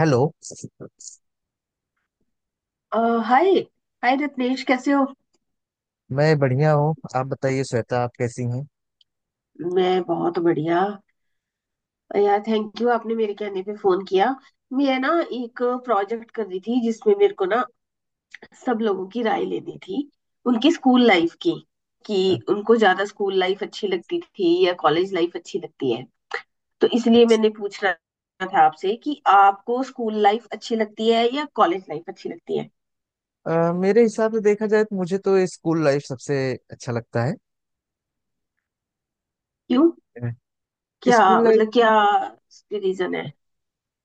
Hello. अ, hi. Hi Ratnesh कैसे हो। मैं बढ़िया हूँ, आप बताइए श्वेता, आप कैसी हैं? मैं बहुत बढ़िया यार। थैंक यू, आपने मेरे कहने पे फोन किया। मैं ना एक प्रोजेक्ट कर रही थी जिसमें मेरे को ना सब लोगों की राय लेनी थी, उनकी स्कूल लाइफ की। कि उनको ज्यादा स्कूल लाइफ अच्छी लगती थी या कॉलेज लाइफ अच्छी लगती है। तो इसलिए अच्छा। मैंने पूछना था आपसे कि आपको स्कूल लाइफ अच्छी लगती है या कॉलेज लाइफ अच्छी लगती है। मेरे हिसाब से देखा जाए तो मुझे तो स्कूल लाइफ सबसे अच्छा लगता है। क्यों? क्या स्कूल लाइफ मतलब, क्या रीजन है?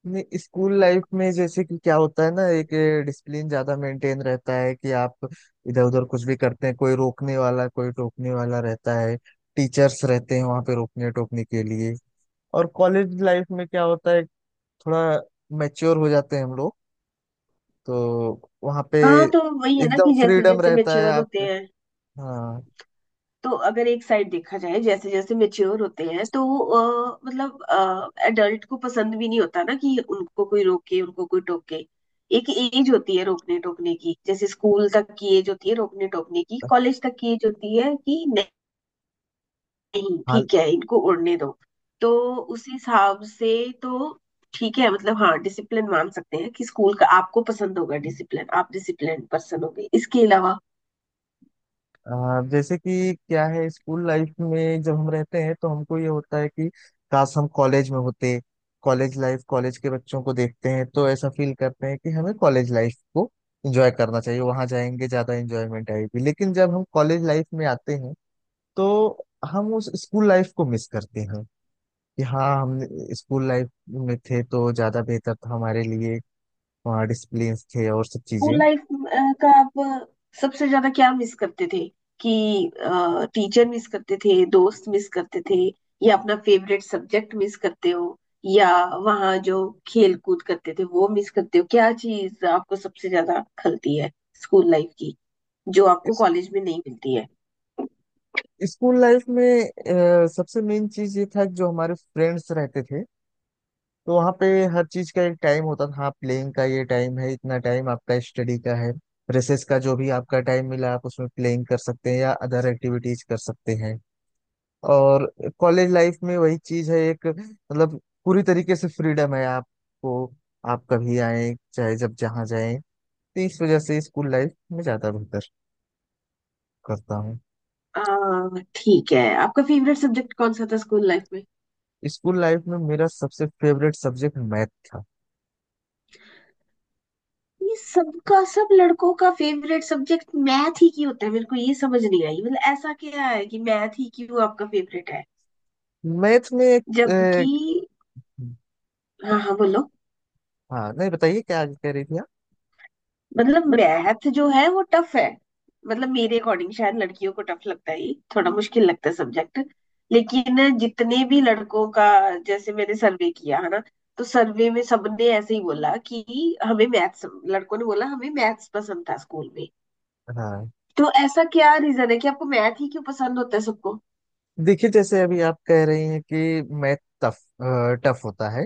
में, स्कूल लाइफ में जैसे कि क्या होता है ना, एक डिसिप्लिन ज्यादा मेंटेन रहता है कि आप इधर उधर कुछ भी करते हैं, कोई रोकने वाला कोई टोकने वाला रहता है, टीचर्स रहते हैं वहां पे रोकने टोकने के लिए। और कॉलेज लाइफ में क्या होता है, थोड़ा मैच्योर हो जाते हैं हम लोग, तो वहाँ पे हाँ, तो वही है ना एकदम कि जैसे फ्रीडम जैसे रहता है मेच्योर होते आप। हैं। हाँ। तो अगर एक साइड देखा जाए, जैसे जैसे मेच्योर होते हैं तो मतलब एडल्ट को पसंद भी नहीं होता ना कि उनको कोई रोके, उनको कोई टोके। एक एज होती है रोकने टोकने की, जैसे स्कूल तक की एज होती है रोकने टोकने की, कॉलेज तक की एज होती है कि नहीं। हाल। ठीक है, इनको उड़ने दो। तो उस हिसाब से तो ठीक है। मतलब हाँ, डिसिप्लिन मान सकते हैं कि स्कूल का आपको पसंद होगा डिसिप्लिन, आप डिसिप्लिन पर्सन होगे। इसके अलावा जैसे कि क्या है, स्कूल लाइफ में जब हम रहते हैं तो हमको ये होता है कि काश हम कॉलेज में होते। कॉलेज लाइफ, कॉलेज के बच्चों को देखते हैं तो ऐसा फील करते हैं कि हमें कॉलेज लाइफ को एंजॉय करना चाहिए, वहां जाएंगे ज्यादा एंजॉयमेंट आएगी। लेकिन जब हम कॉलेज लाइफ में आते हैं तो हम उस स्कूल लाइफ को मिस करते हैं कि हाँ, हम स्कूल लाइफ में थे तो ज्यादा बेहतर था हमारे लिए। हाँ, डिसिप्लिन थे और सब चीजें। स्कूल लाइफ का आप सबसे ज्यादा क्या मिस करते थे? कि टीचर मिस करते थे, दोस्त मिस करते थे, या अपना फेवरेट सब्जेक्ट मिस करते हो, या वहाँ जो खेल कूद करते थे वो मिस करते हो? क्या चीज आपको सबसे ज्यादा खलती है स्कूल लाइफ की, जो आपको इस- कॉलेज में नहीं मिलती है? स्कूल लाइफ में सबसे मेन चीज ये था कि जो हमारे फ्रेंड्स रहते थे, तो वहाँ पे हर चीज का एक टाइम होता था। हाँ, प्लेइंग का ये टाइम है, इतना टाइम आपका स्टडी का है, रेसेस का, जो भी आपका टाइम मिला आप उसमें प्लेइंग कर सकते हैं या अदर एक्टिविटीज कर सकते हैं। और कॉलेज लाइफ में वही चीज है, एक मतलब पूरी तरीके से फ्रीडम है आपको। आप कभी आए, चाहे जब जहाँ जाएं, तो इस वजह से स्कूल लाइफ में ज्यादा बेहतर करता हूँ। आ, ठीक है। आपका फेवरेट सब्जेक्ट कौन सा था स्कूल लाइफ में? स्कूल लाइफ में मेरा सबसे फेवरेट सब्जेक्ट मैथ था। ये सबका, सब लड़कों का फेवरेट सब्जेक्ट मैथ ही क्यों होता है? मेरे को ये समझ नहीं आई। मतलब ऐसा क्या है कि मैथ ही क्यों आपका फेवरेट है? मैथ में एक, जबकि एक हाँ हाँ बोलो। हाँ, नहीं बताइए क्या आगे कह रही थी आप। मतलब मैथ जो है वो टफ है। मतलब मेरे अकॉर्डिंग शायद लड़कियों को टफ लगता है, ये थोड़ा मुश्किल लगता है सब्जेक्ट। लेकिन जितने भी लड़कों का, जैसे मैंने सर्वे किया है ना, तो सर्वे में सबने ऐसे ही बोला कि हमें मैथ्स, लड़कों ने बोला, हमें मैथ्स पसंद था स्कूल में। हाँ। तो ऐसा क्या रीजन है कि आपको मैथ ही क्यों पसंद होता है सबको? देखिए, जैसे अभी आप कह रही हैं कि मैथ टफ टफ होता है,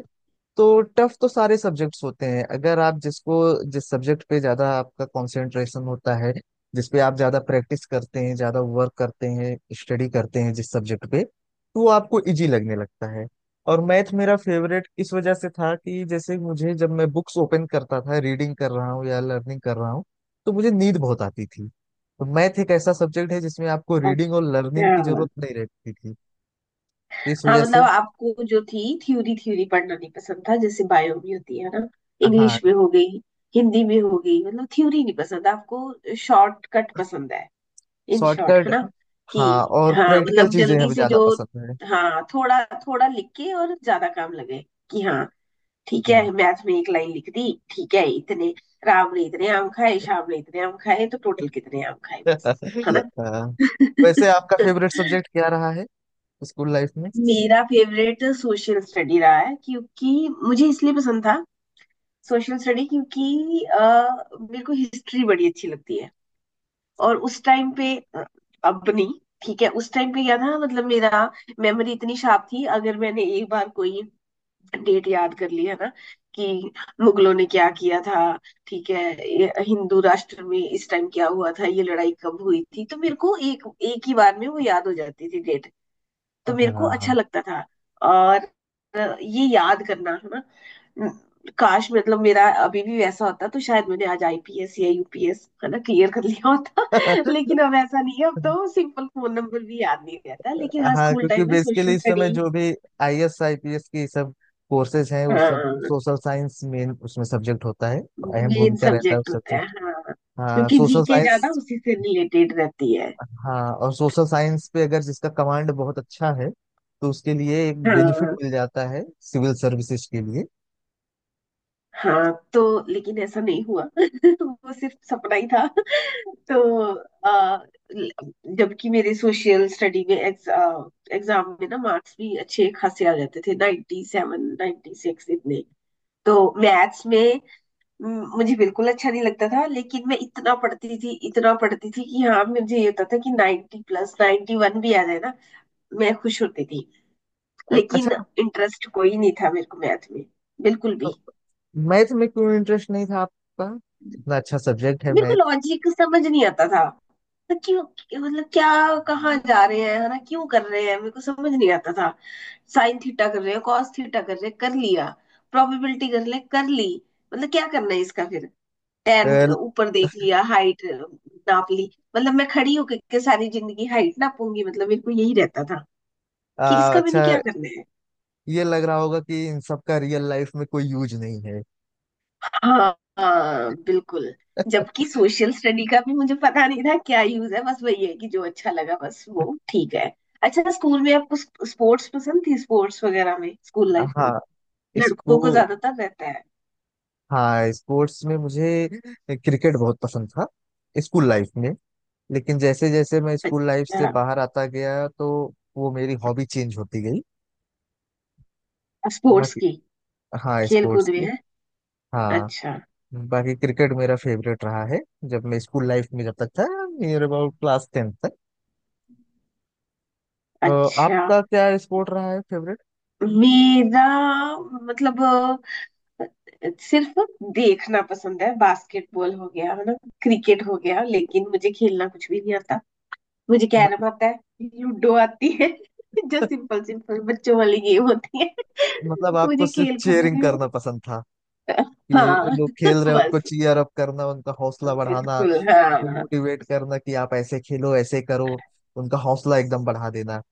तो टफ तो सारे सब्जेक्ट्स होते हैं। अगर आप जिसको, जिस सब्जेक्ट पे ज्यादा आपका कंसंट्रेशन होता है, जिस पे आप ज्यादा प्रैक्टिस करते हैं, ज्यादा वर्क करते हैं, स्टडी करते हैं जिस सब्जेक्ट पे, तो वो आपको इजी लगने लगता है। और मैथ मेरा फेवरेट इस वजह से था कि जैसे मुझे जब मैं बुक्स ओपन करता था, रीडिंग कर रहा हूँ या लर्निंग कर रहा हूँ, तो मुझे नींद बहुत आती थी। तो मैथ एक ऐसा सब्जेक्ट है जिसमें आपको रीडिंग और लर्निंग की अच्छा। जरूरत नहीं रहती थी, तो इस हाँ, वजह से। मतलब आपको जो थी थ्योरी, थ्योरी पढ़ना नहीं पसंद था, जैसे बायो भी होती है ना। हाँ। इंग्लिश में हो गई, हिंदी में हो गई। मतलब थ्योरी नहीं पसंद आपको, शॉर्टकट पसंद है। इन शॉर्ट है शॉर्टकट। ना हाँ, कि और हाँ, प्रैक्टिकल मतलब चीजें जल्दी हमें से ज्यादा जो। पसंद है। हाँ, थोड़ा थोड़ा लिख के और ज्यादा काम लगे कि हाँ। ठीक हाँ। है, मैथ में एक लाइन लिख दी। ठीक है, इतने राम ने इतने आम खाए, श्याम ने इतने आम खाए, तो टोटल कितने आम खाए, बस है ना। हाँ। वैसे आपका फेवरेट सब्जेक्ट क्या रहा है स्कूल लाइफ में? मेरा फेवरेट सोशल स्टडी रहा है। क्योंकि मुझे इसलिए पसंद था सोशल स्टडी, क्योंकि मेरे को हिस्ट्री बड़ी अच्छी लगती है। और उस टाइम पे अपनी, ठीक है, उस टाइम पे क्या था मतलब, मेरा मेमोरी इतनी शार्प थी, अगर मैंने एक बार कोई डेट याद कर ली है ना कि मुगलों ने क्या किया था, ठीक है, ये हिंदू राष्ट्र में इस टाइम क्या हुआ था, ये लड़ाई कब हुई थी, तो मेरे को एक एक ही बार में वो याद हो जाती थी। तो मेरे को अच्छा हाँ। लगता था। और ये याद करना है ना, न- काश मतलब मेरा अभी भी वैसा होता तो शायद मैंने आज आईपीएस या यूपीएस है ना क्लियर कर लिया होता। लेकिन अब ऐसा नहीं है, अब तो सिंपल फोन नंबर भी याद नहीं रहता। लेकिन हाँ, हाँ, स्कूल क्योंकि टाइम में बेसिकली सोशल इस स्टडी। समय जो भी आईएएस आईपीएस की सब कोर्सेज हैं, वो सब हाँ सोशल साइंस मेन उसमें सब्जेक्ट होता है। अहम मेन भूमिका रहता है सब्जेक्ट उस होता है सब्जेक्ट। हाँ। हाँ, क्योंकि सोशल जीके ज्यादा साइंस। उसी से रिलेटेड रहती है। हाँ, और सोशल साइंस पे अगर जिसका कमांड बहुत अच्छा है तो उसके लिए एक बेनिफिट हाँ। मिल जाता है सिविल सर्विसेज के लिए। हाँ तो लेकिन ऐसा नहीं हुआ। वो सिर्फ सपना ही था। तो अ, जबकि मेरे सोशल स्टडी में एग्जाम में ना मार्क्स भी अच्छे खासे आ जाते थे, 97, सेवन नाइन्टी सिक्स इतने। तो मैथ्स में म, मुझे बिल्कुल अच्छा नहीं लगता था, लेकिन मैं इतना पढ़ती थी, इतना पढ़ती थी कि हाँ मुझे ये होता था कि 90 प्लस 91 भी आ जाए ना, मैं खुश होती थी। अच्छा। लेकिन इंटरेस्ट कोई नहीं था मेरे को मैथ में, बिल्कुल तो भी। मैथ में क्यों इंटरेस्ट नहीं था आपका? इतना अच्छा सब्जेक्ट है मेरे को मैथ। लॉजिक समझ नहीं आता था। तो क्यों, मतलब क्या, कहाँ जा रहे हैं है ना, क्यों कर रहे हैं, मेरे को समझ नहीं आता था। साइन थीटा कर रहे हैं, cos थीटा कर रहे हैं, कर लिया। प्रोबेबिलिटी कर ले, कर ली। मतलब क्या करना है इसका फिर? टेन वेल, ऊपर देख लिया, हाइट नाप ली। मतलब मैं खड़ी होके के सारी जिंदगी हाइट नापूंगी? मतलब मेरे को यही रहता था कि इसका मैंने क्या अच्छा। करना है। ये लग रहा होगा कि इन सब का रियल लाइफ में कोई यूज नहीं है। हाँ हाँ बिल्कुल। जबकि सोशल स्टडी का भी मुझे पता नहीं था क्या यूज है, बस वही है कि जो अच्छा लगा बस वो ठीक है। अच्छा, स्कूल में आपको स्पोर्ट्स पसंद थी, स्पोर्ट्स वगैरह में स्कूल लाइफ में? हाँ। लड़कों को इसको, ज्यादातर रहता है। हाँ, स्पोर्ट्स में मुझे क्रिकेट बहुत पसंद था स्कूल लाइफ में। लेकिन जैसे जैसे मैं स्कूल लाइफ अच्छा। से बाहर आता गया, तो वो मेरी हॉबी चेंज होती गई। स्पोर्ट्स बाकी, की, हाँ, खेल स्पोर्ट्स कूद में की। है। हाँ, अच्छा। बाकी क्रिकेट मेरा फेवरेट रहा है जब मैं स्कूल लाइफ में जब तक था, नियर अबाउट क्लास टेंथ। अ, अच्छा। आपका क्या स्पोर्ट रहा है फेवरेट? मेरा मतलब अ, सिर्फ देखना पसंद है। बास्केटबॉल हो गया है ना, क्रिकेट हो गया, लेकिन मुझे खेलना कुछ भी नहीं आता। मुझे क्या ना मतलब, पता है, लूडो आती है जो सिंपल सिंपल बच्चों वाली गेम होती है। मतलब आपको मुझे सिर्फ खेल कूद चीयरिंग में, करना पसंद था कि हाँ लोग खेल रहे हैं उनको बस, चीयर अप करना, उनका हौसला बढ़ाना, बिल्कुल उनको हाँ। मोटिवेट करना कि आप ऐसे खेलो ऐसे करो, उनका हौसला एकदम बढ़ा देना।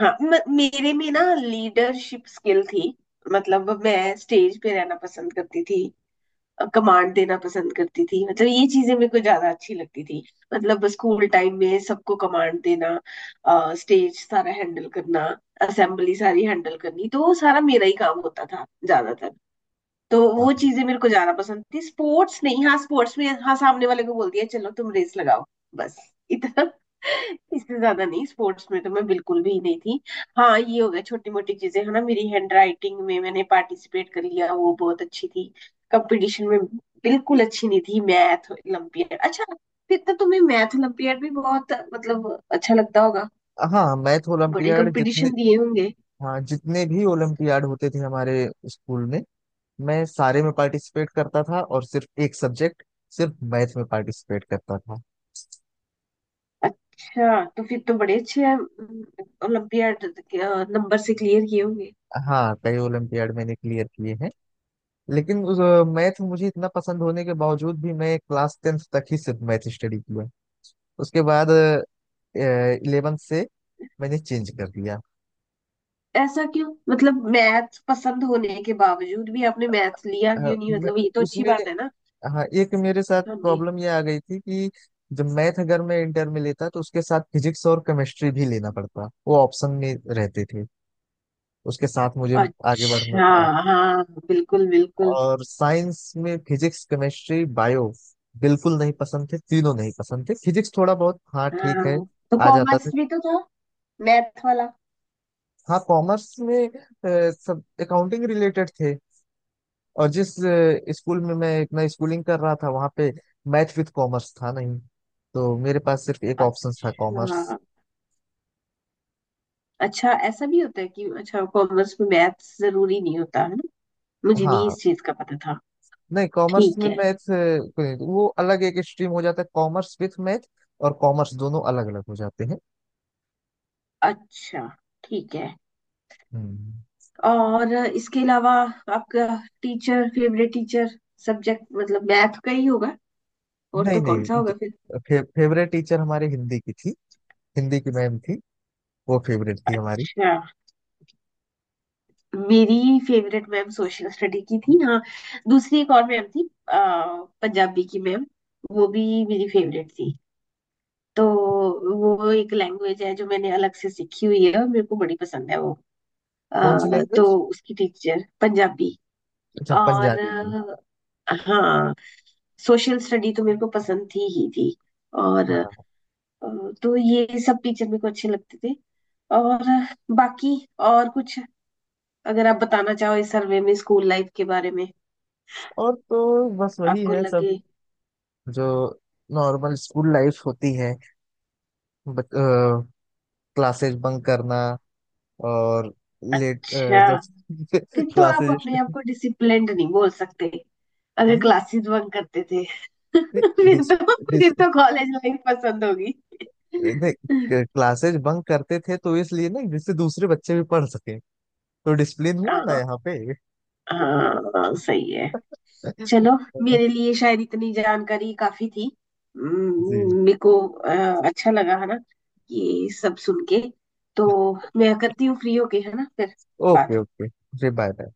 हाँ मेरे में ना लीडरशिप स्किल थी। मतलब मैं स्टेज पे रहना पसंद करती थी, कमांड देना पसंद करती थी। मतलब ये चीजें मेरे को ज्यादा अच्छी लगती थी। मतलब स्कूल टाइम में सबको कमांड देना, स्टेज सारा हैंडल करना, असेंबली सारी हैंडल करनी, तो वो सारा मेरा ही काम होता था ज्यादातर। तो हाँ। वो चीजें मेरे को ज्यादा पसंद थी, स्पोर्ट्स नहीं। हाँ स्पोर्ट्स में हाँ, सामने वाले को बोल दिया चलो तुम रेस लगाओ, बस इतना। इससे ज्यादा नहीं, स्पोर्ट्स में तो मैं बिल्कुल भी नहीं थी। हाँ ये हो गया छोटी मोटी चीजें है ना, मेरी हैंड राइटिंग में मैंने पार्टिसिपेट कर लिया, वो बहुत अच्छी थी। कंपटीशन में बिल्कुल अच्छी नहीं थी। मैथ ओलम्पियड, अच्छा। फिर तो तुम्हें मैथ ओलम्पियड भी बहुत मतलब अच्छा लगता होगा, हाँ, मैथ बड़े ओलंपियाड जितने, कंपटीशन दिए होंगे। हाँ, जितने भी ओलंपियाड होते थे हमारे स्कूल में मैं सारे में पार्टिसिपेट करता था। और सिर्फ एक सब्जेक्ट, सिर्फ मैथ में पार्टिसिपेट करता था। अच्छा, तो फिर तो बड़े अच्छे हैं ओलंपियाड नंबर से क्लियर किए होंगे। हाँ, कई ओलंपियाड मैंने क्लियर किए हैं। लेकिन उस, मैथ मुझे इतना पसंद होने के बावजूद भी मैं क्लास टेंथ तक ही सिर्फ मैथ स्टडी किया। उसके बाद इलेवेंथ से मैंने चेंज कर दिया। ऐसा क्यों? मतलब मैथ पसंद होने के बावजूद भी आपने मैथ लिया अ, क्यों नहीं? मैं मतलब ये तो अच्छी उसमें, बात है ना। हाँ, एक मेरे साथ हाँ जी। प्रॉब्लम ये आ गई थी कि जब मैथ, अगर मैं इंटर में लेता तो उसके साथ फिजिक्स और केमिस्ट्री भी लेना पड़ता, वो ऑप्शन में रहते थे। उसके साथ मुझे आगे बढ़ना अच्छा। था। हाँ बिल्कुल बिल्कुल। और साइंस में फिजिक्स, केमिस्ट्री, बायो बिल्कुल नहीं पसंद थे, तीनों नहीं पसंद थे। फिजिक्स थोड़ा बहुत, हाँ, ठीक है, हाँ, तो आ जाता कॉमर्स था। भी तो था, मैथ वाला। हाँ, कॉमर्स में सब अकाउंटिंग रिलेटेड थे। और जिस स्कूल में मैं इतना स्कूलिंग कर रहा था वहाँ पे मैथ विद कॉमर्स था नहीं, तो मेरे पास सिर्फ एक ऑप्शन था कॉमर्स। अच्छा, अच्छा, ऐसा भी होता है कि, अच्छा, कॉमर्स में मैथ जरूरी नहीं होता है ना, मुझे नहीं हाँ। इस चीज का पता था। नहीं, कॉमर्स ठीक में है। मैथ वो अलग एक स्ट्रीम हो जाता है, कॉमर्स विथ मैथ और कॉमर्स दोनों अलग अलग हो जाते हैं। अच्छा, ठीक है। हम्म। और इसके अलावा आपका टीचर, फेवरेट टीचर सब्जेक्ट मतलब मैथ का ही होगा, और नहीं तो कौन सा नहीं होगा फिर। फेवरेट टीचर हमारे हिंदी की थी, हिंदी की मैम थी, वो फेवरेट थी हमारी। अच्छा। मेरी फेवरेट मैम सोशल स्टडी की थी हाँ। दूसरी एक और मैम थी, पंजाबी की मैम, वो भी मेरी फेवरेट थी। तो वो एक लैंग्वेज है जो मैंने अलग से सीखी हुई है और मेरे को बड़ी पसंद है वो। कौन सी तो लैंग्वेज? उसकी टीचर पंजाबी। अच्छा, और पंजाबी में। हाँ, सोशल स्टडी तो मेरे को पसंद थी ही थी। और अ, हाँ, तो ये सब टीचर मेरे को अच्छे लगते थे। और बाकी और कुछ अगर आप बताना चाहो इस सर्वे में स्कूल लाइफ के बारे में, और तो बस वही आपको है सब, लगे। जो नॉर्मल स्कूल लाइफ होती है, क्लासेस बंक करना, और लेट, अच्छा। जब फिर तो आप क्लासेस, अपने आप को डिसिप्लिन्ड नहीं बोल सकते अगर नहीं क्लासेस बंक करते थे। फिर डिस, तो, डिस, फिर तो कॉलेज लाइफ पसंद होगी। नहीं, क्लासेस बंक करते थे तो इसलिए ना, जिससे दूसरे बच्चे भी पढ़ सके, तो डिसिप्लिन हुआ ना हाँ, यहाँ पे। हाँ सही है। चलो, मेरे लिए शायद इतनी जानकारी काफी थी। जी। मेरे को अच्छा लगा है ना ये सब सुन के। तो मैं करती हूँ फ्री होके है ना फिर ओके बात। ओके जी, बाय बाय।